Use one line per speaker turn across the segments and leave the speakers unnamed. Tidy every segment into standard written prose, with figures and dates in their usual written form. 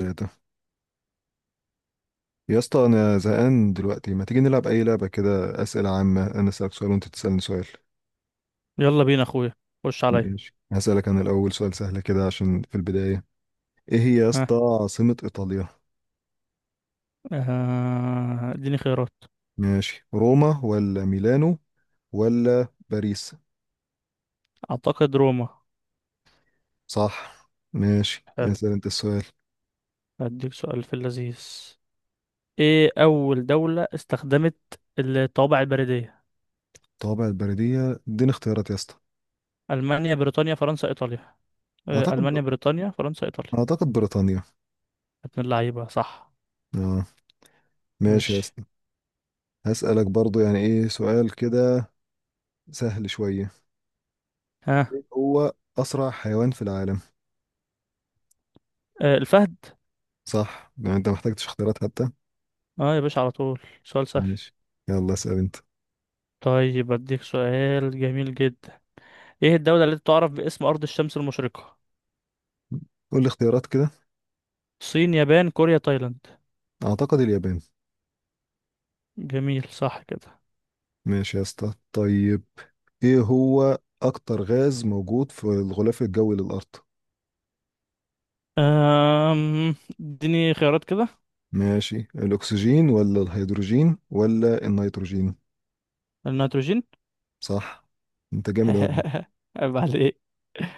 ايه ده يا اسطى، انا زهقان دلوقتي. ما تيجي نلعب اي لعبه كده اسئله عامه، انا اسالك سؤال وانت تسالني سؤال.
يلا بينا اخويا. خش عليا.
ماشي، هسالك انا الاول سؤال سهل كده عشان في البدايه. ايه هي يا
ها.
اسطى عاصمه ايطاليا؟
اديني خيارات.
ماشي، روما ولا ميلانو ولا باريس؟
اعتقد روما.
صح. ماشي،
حلو.
اسال انت السؤال.
هديك سؤال في اللذيذ. ايه اول دولة استخدمت الطوابع البريدية؟
طابع البريديه، اديني اختيارات يا اسطى.
المانيا، بريطانيا، فرنسا، ايطاليا.
اعتقد،
المانيا، بريطانيا، فرنسا، ايطاليا.
اعتقد بريطانيا.
ابن اللعيبة، صح.
اه. ماشي يا
مش
اسطى، هسالك برضو يعني ايه سؤال كده سهل شويه.
ها.
ايه هو اسرع حيوان في العالم؟
الفهد.
صح، لو انت محتاجتش اختيارات حتى.
اه يا باشا، على طول سؤال سهل.
ماشي، يلا اسأل انت.
طيب اديك سؤال جميل جدا. ايه الدولة التي تعرف باسم ارض الشمس المشرقة؟
قول لي اختيارات كده.
صين، يابان، كوريا، تايلاند.
اعتقد اليابان.
جميل، صح كده.
ماشي يا اسطى، طيب ايه هو اكتر غاز موجود في الغلاف الجوي للارض؟
أم، اديني خيارات كده.
ماشي، الاكسجين ولا الهيدروجين ولا النيتروجين؟
النيتروجين.
صح. انت جامد اوي.
عيب عليك.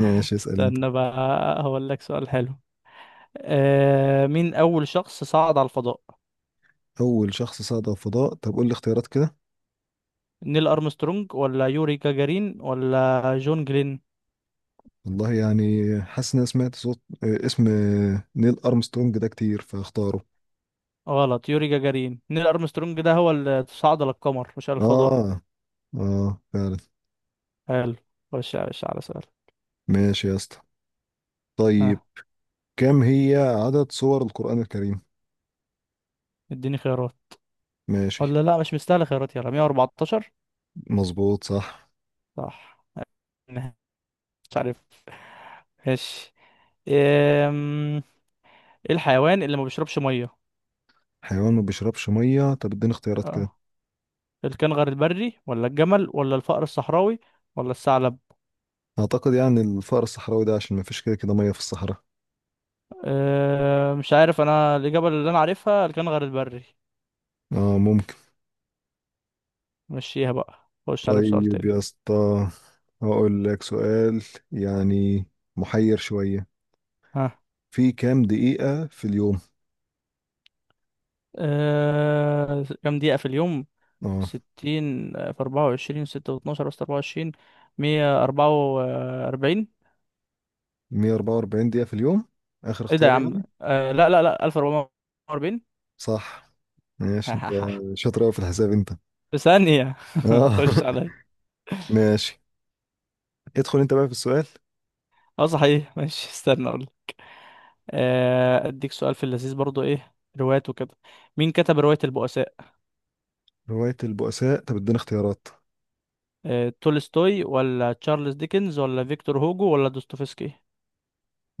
ماشي، اسأل انت.
استنى بقى، هقول لك سؤال حلو. أه، مين أول شخص صعد على الفضاء؟
اول شخص صعد على الفضاء؟ طب قول لي اختيارات كده.
نيل أرمسترونج ولا يوري جاجارين ولا جون جلين.
والله يعني، حاسس ان انا سمعت صوت اسم نيل ارمسترونج ده كتير فاختاره.
غلط، يوري جاجارين. نيل أرمسترونج ده هو اللي صعد للقمر مش على الفضاء.
اه، اه فعلا.
حلو. خش يا باشا على سؤال.
ماشي يا اسطى، طيب
ها.
كم هي عدد سور القرآن الكريم؟
اديني خيارات.
ماشي.
ولا لا، مش مستاهل خيارات. يلا 114.
مظبوط، صح.
صح. مش عارف. ماشي. ايه الحيوان اللي ما بيشربش ميه؟
حيوان ما بيشربش مية؟ طب اديني اختيارات كده.
اه، الكنغر البري ولا الجمل ولا الفأر الصحراوي ولا الثعلب.
اعتقد يعني الفأر الصحراوي ده، عشان ما فيش كده كده مية في الصحراء.
أه مش عارف، انا الاجابه اللي انا عارفها الكنغر البري.
اه، ممكن.
مشيها بقى، خش على بسؤال
طيب
تاني.
يا اسطى، هقول لك سؤال يعني محير شوية.
ها.
في كام دقيقة في اليوم؟
أه، كام دقيقه في اليوم؟
اه،
60 في 24، 6 و12، بس 24، 144.
144 دقيقة في اليوم، اخر
ايه ده يا
اختيار
عم؟
يعني.
أه لا لا لا، 1440.
صح. ماشي. انت شاطر قوي في الحساب انت.
في ثانيه.
اه
خش عليا.
ماشي، ادخل انت بقى في السؤال.
اه صحيح ماشي، استنى اقول. اديك سؤال في اللذيذ برضو. ايه، روايات وكده. مين كتب رواية البؤساء؟
رواية البؤساء؟ طب اديني اختيارات.
تولستوي ولا تشارلز ديكنز ولا فيكتور هوجو ولا دوستويفسكي.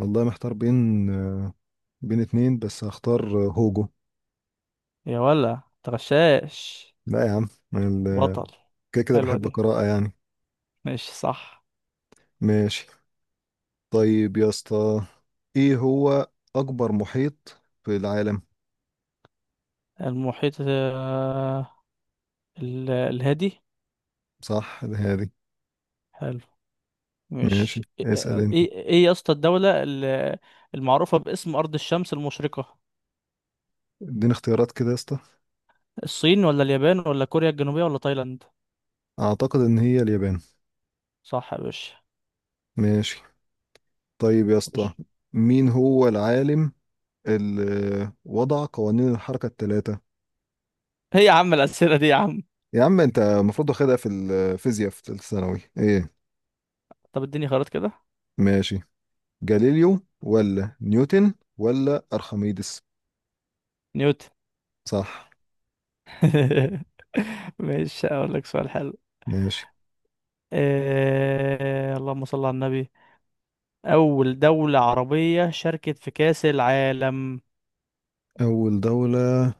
والله محتار بين بين اتنين، بس هختار هوجو.
يا ولا تغشاش.
لا يا عم. ال-
بطل.
كده كده
حلوة
بحب
دي.
القراءة يعني.
ماشي، صح.
ماشي. طيب يا اسطى، ايه هو أكبر محيط في العالم؟
المحيط، الهادي.
صح هذه.
حلو. مش
ماشي، اسأل
ايه
انت.
ايه إيه يا اسطى، الدولة المعروفة باسم أرض الشمس المشرقة؟
اديني اختيارات كده يا اسطى.
الصين ولا اليابان ولا كوريا الجنوبية ولا تايلاند.
أعتقد إن هي اليابان.
صح يا باشا.
ماشي. طيب يا اسطى،
خش.
مين هو العالم اللي وضع قوانين الحركة الثلاثة؟
ايه يا عم الأسئلة دي يا عم؟
يا عم انت المفروض واخدها في الفيزياء في ثالثه ثانوي، ايه.
طب اديني خيارات كده.
ماشي، جاليليو ولا نيوتن ولا ارخميدس؟
نيوتن.
صح.
ماشي، اقول لك سؤال حلو.
ماشي.
اللهم صل على النبي. اول دولة عربية شاركت في كأس العالم؟
اول دولة؟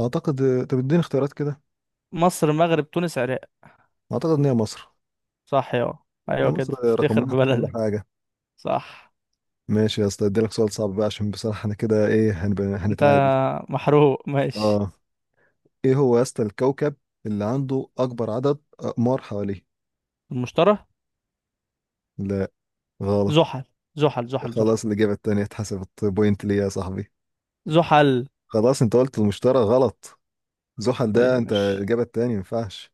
اعتقد. طب اديني اختيارات كده.
مصر، مغرب، تونس، عراق.
اعتقد ان هي مصر.
صح يا.
يا
ايوه
مصر،
كده،
رقم
افتخر
واحد في كل
ببلدك.
حاجة.
صح.
ماشي يا اسطى، اديلك سؤال صعب بقى، عشان بصراحة انا كده ايه،
انت
هنتعادل.
محروق، ماشي.
اه. ايه هو يا اسطى الكوكب اللي عنده اكبر عدد اقمار حواليه؟
المشترى.
لا، غلط.
زحل، زحل، زحل. زحل.
خلاص، الإجابة التانية اتحسبت بوينت ليا يا صاحبي.
زحل.
خلاص، انت قلت المشتري غلط. زحل ده
طيب،
انت
ماشي.
الإجابة التانية، ما ينفعش.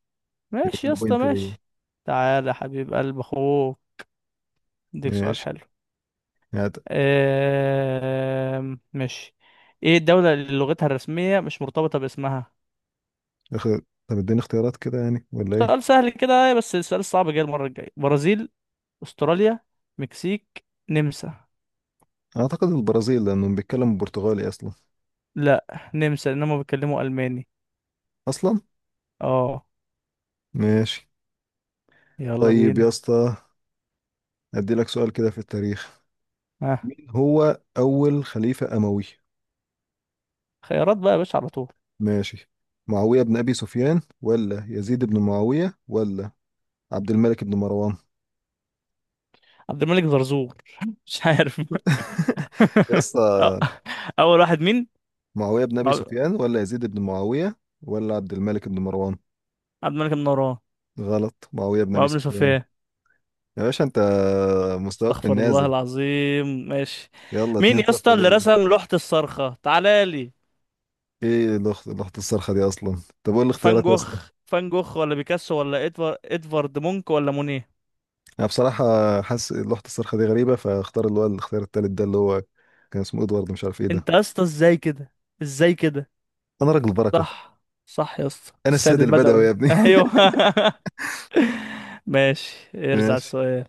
يبقى
ماشي يا
كده
اسطى،
بوينت ليا.
ماشي. تعالى يا حبيب قلب اخوه، اديك سؤال
ماشي.
حلو.
يعني
ماشي. ايه الدولة اللي لغتها الرسمية مش مرتبطة باسمها؟
اخ- طب اديني اختيارات كده يعني، ولا ايه؟
سؤال سهل كده بس السؤال الصعب جاي المرة الجاية. برازيل، استراليا، مكسيك، نمسا.
اعتقد البرازيل، لانهم بيتكلموا برتغالي اصلا.
لا، نمسا، انهم بيتكلموا الماني.
اصلا.
اه.
ماشي.
يلا
طيب يا
بينا.
اسطى، ادي لك سؤال كده في التاريخ.
ها.
مين هو اول خليفة اموي؟
خيارات بقى يا باشا على طول.
ماشي. معاوية بن ابي سفيان ولا يزيد بن معاوية ولا عبد الملك بن مروان؟
عبد الملك زرزور. مش عارف.
يا
أه،
اسطى.
اول واحد مين؟
معاوية بن ابي
مع-
سفيان ولا يزيد بن معاوية ولا عبد الملك بن مروان؟
عبد الملك النوران.
غلط، معاوية بن
مع
ابي
ابن
سفيان.
سفيان.
يا باشا انت مستواك في
استغفر الله
النازل.
العظيم، ماشي.
يلا
مين
2
يا اسطى
صفر
اللي
ليا.
رسم لوحة الصرخة؟ تعالى لي.
ايه اللوحة، اللوحة الصرخة دي اصلا؟ طب قول
فان
الاختيارات يا
جوخ،
اسطى.
فان جوخ ولا بيكاسو ولا ادوارد مونك ولا مونيه.
انا بصراحة حاسس اللوحة الصرخة دي غريبة، فاختار اللي هو الاختيار التالت ده، اللي هو كان اسمه ادوارد، مش عارف ايه
انت
ده.
يا اسطى، ازاي كده، ازاي كده.
انا راجل بركة.
صح. صح يا اسطى،
انا
السيد
السيد البدوي
البدوي،
يا ابني.
ايوه. ماشي، ارزع
ماشي.
السؤال.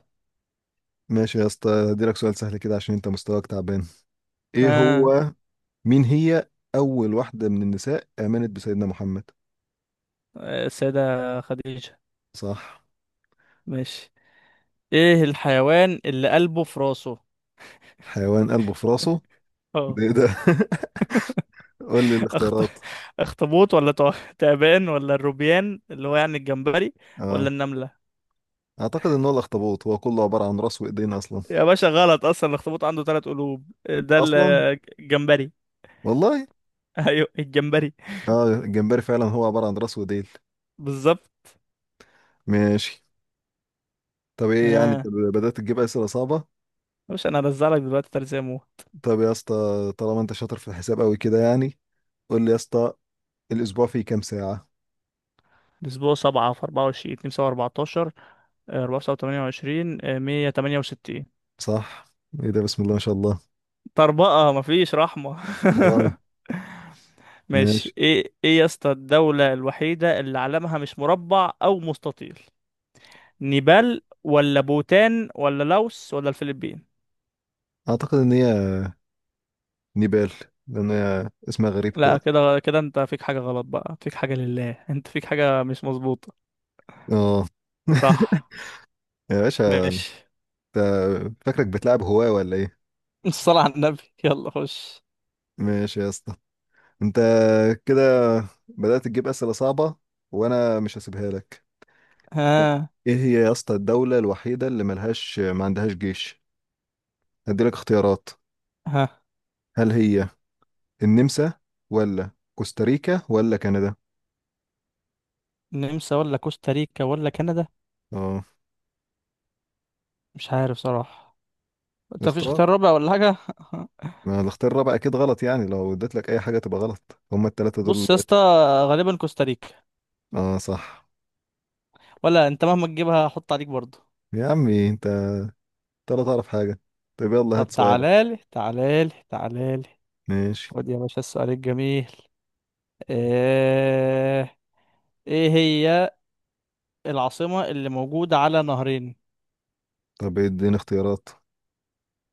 ماشي يا اسطى، هديلك سؤال سهل كده عشان انت مستواك تعبان. ايه
ها.
هو، مين هي اول واحدة من النساء امنت بسيدنا محمد؟
السيدة خديجة.
صح.
ماشي. ايه الحيوان اللي قلبه في راسه؟
حيوان قلبه في راسه؟ ده ايه ده؟ قول لي
أخط...
الاختيارات.
اخطبوط ولا تعبان ولا الروبيان اللي هو يعني الجمبري ولا
اه.
النملة.
اعتقد ان هو الاخطبوط، هو كله عباره عن راس وايدين اصلا.
يا باشا غلط، اصلا الاخطبوط عنده ثلاث قلوب. ده
اصلا.
الجمبري.
والله.
ايوه، الجمبري.
اه، الجمبري فعلا هو عباره عن راس وايدين.
بالظبط.
ماشي. طب ايه يعني،
اه
طب بدات تجيب اسئله صعبه.
باشا، انا هرزع لك دلوقتي تلاتة مو.
طب يا اسطى، طالما انت شاطر في الحساب قوي كده يعني، قول لي يا اسطى، الاسبوع فيه كام ساعه؟
الاسبوع سبعة في اربعة وعشرين، اتنين سبعة اربعتاشر، اربعة وسبعة تمانية وعشرين، مية تمانية وستين.
صح. ايه ده، بسم الله ما شاء الله.
طربقة مفيش رحمة.
اه. ماشي.
ماشي. ايه، ايه يا اسطى الدولة الوحيدة اللي علمها مش مربع او مستطيل؟ نيبال ولا بوتان ولا لاوس ولا الفلبين.
اعتقد ان هي نيبال، لان هي اسمها غريب كده.
لا، كده كده انت فيك حاجة غلط بقى، فيك حاجة لله، انت فيك حاجة مش مظبوطة.
اه
صح.
يا باشا
ماشي.
انت فاكرك بتلعب هواه ولا ايه؟
الصلاة على النبي، يلا خش.
ماشي يا اسطى، انت كده بدأت تجيب أسئلة صعبة، وانا مش هسيبها لك. طب.
ها.
ايه هي يا اسطى الدولة الوحيدة اللي ملهاش، ما عندهاش جيش؟ هديلك اختيارات.
ها.
هل هي النمسا ولا كوستاريكا ولا كندا؟
النمسا ولا كوستاريكا ولا كندا؟
اه.
مش عارف صراحة. انت مفيش
اختار.
اختيار رابع ولا حاجة؟
ما الاختيار الرابع اكيد غلط يعني، لو اديت لك اي حاجة تبقى غلط، هما التلاتة دول
بص يا اسطى، غالبا كوستاريكا.
اه صح.
ولا انت مهما تجيبها هحط عليك برضه.
يا عمي انت، انت لا تعرف حاجة. طب يلا هات
طب
سؤالك.
تعالالي، تعالالي، تعالالي.
ماشي.
خد يا باشا السؤال الجميل. ايه ايه هي العاصمة اللي موجودة على نهرين؟
طب اديني اختيارات.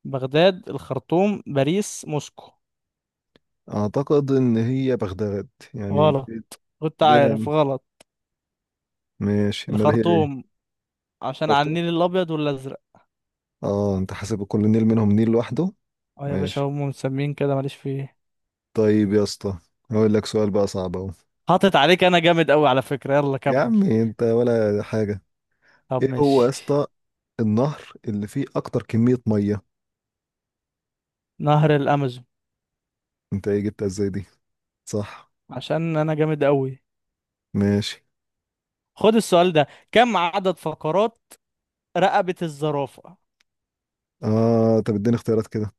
بغداد، الخرطوم، باريس، موسكو.
اعتقد ان هي بغداد، يعني.
غلط. كنت
ليه؟
عارف غلط.
ماشي امال هي ايه؟
الخرطوم، عشان على
شرطه.
النيل الأبيض والأزرق.
اه، انت حاسب كل نيل منهم نيل لوحده.
اه يا باشا،
ماشي.
هم مسمين كده، ماليش فيه.
طيب يا اسطى، هقول لك سؤال بقى صعب اهو.
حاطط عليك، أنا جامد أوي على فكرة، يلا
يا
كمل.
عمي انت ولا حاجه.
طب
ايه هو يا
ماشي.
اسطى النهر اللي فيه اكتر كميه ميه؟
نهر الأمازون.
انت ايه، جبتها ازاي دي؟ صح.
عشان أنا جامد أوي.
ماشي.
خد السؤال ده. كم عدد فقرات رقبة الزرافة؟
اه، طب اديني اختيارات كده.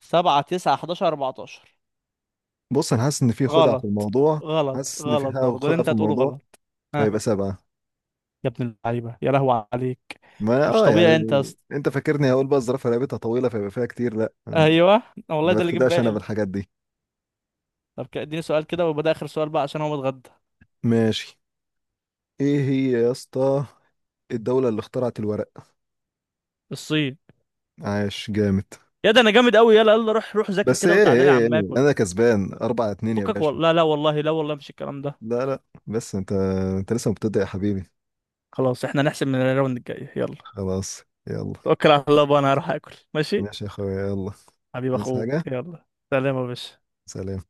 سبعة، تسعة، حداشر، أربعتاشر.
بص انا حاسس ان في خدعه في
غلط.
الموضوع.
غلط،
حاسس ان في
غلط
حاجه
برضه اللي
خدعه
أنت
في
هتقوله
الموضوع،
غلط.
فيبقى سبعه.
يا ابن اللعيبه، يا لهو عليك.
ما
مش
اه يعني،
طبيعي انت يا اسطى.
انت فاكرني هقول بقى الزرافه رقبتها طويله فيبقى فيها كتير؟ لا.
ايوه، والله
ما
ده اللي جه في
بتخدعش انا
بالي.
بالحاجات دي.
طب اديني سؤال كده ويبقى ده اخر سؤال بقى عشان هو متغدى.
ماشي. ايه هي يا اسطى الدولة اللي اخترعت الورق؟
الصين.
عاش، جامد.
يا ده انا جامد قوي. يلا يلا، روح روح ذاكر
بس
كده
ايه ايه,
وتعالى لي
إيه.
عم اكل.
انا كسبان اربعة اتنين يا
فكك
باشا.
والله، لا لا والله، لا والله، مش الكلام ده.
لا لا، بس انت، انت لسه مبتدئ يا حبيبي.
خلاص احنا نحسب من الراوند الجاي، يلا.
خلاص. يلا.
توكل على الله بقى، انا هروح اكل، ماشي.
ماشي يا اخويا، يلا.
حبيب
عايز
اخوك،
حاجة؟
يلا سلام يا باشا.
سلام.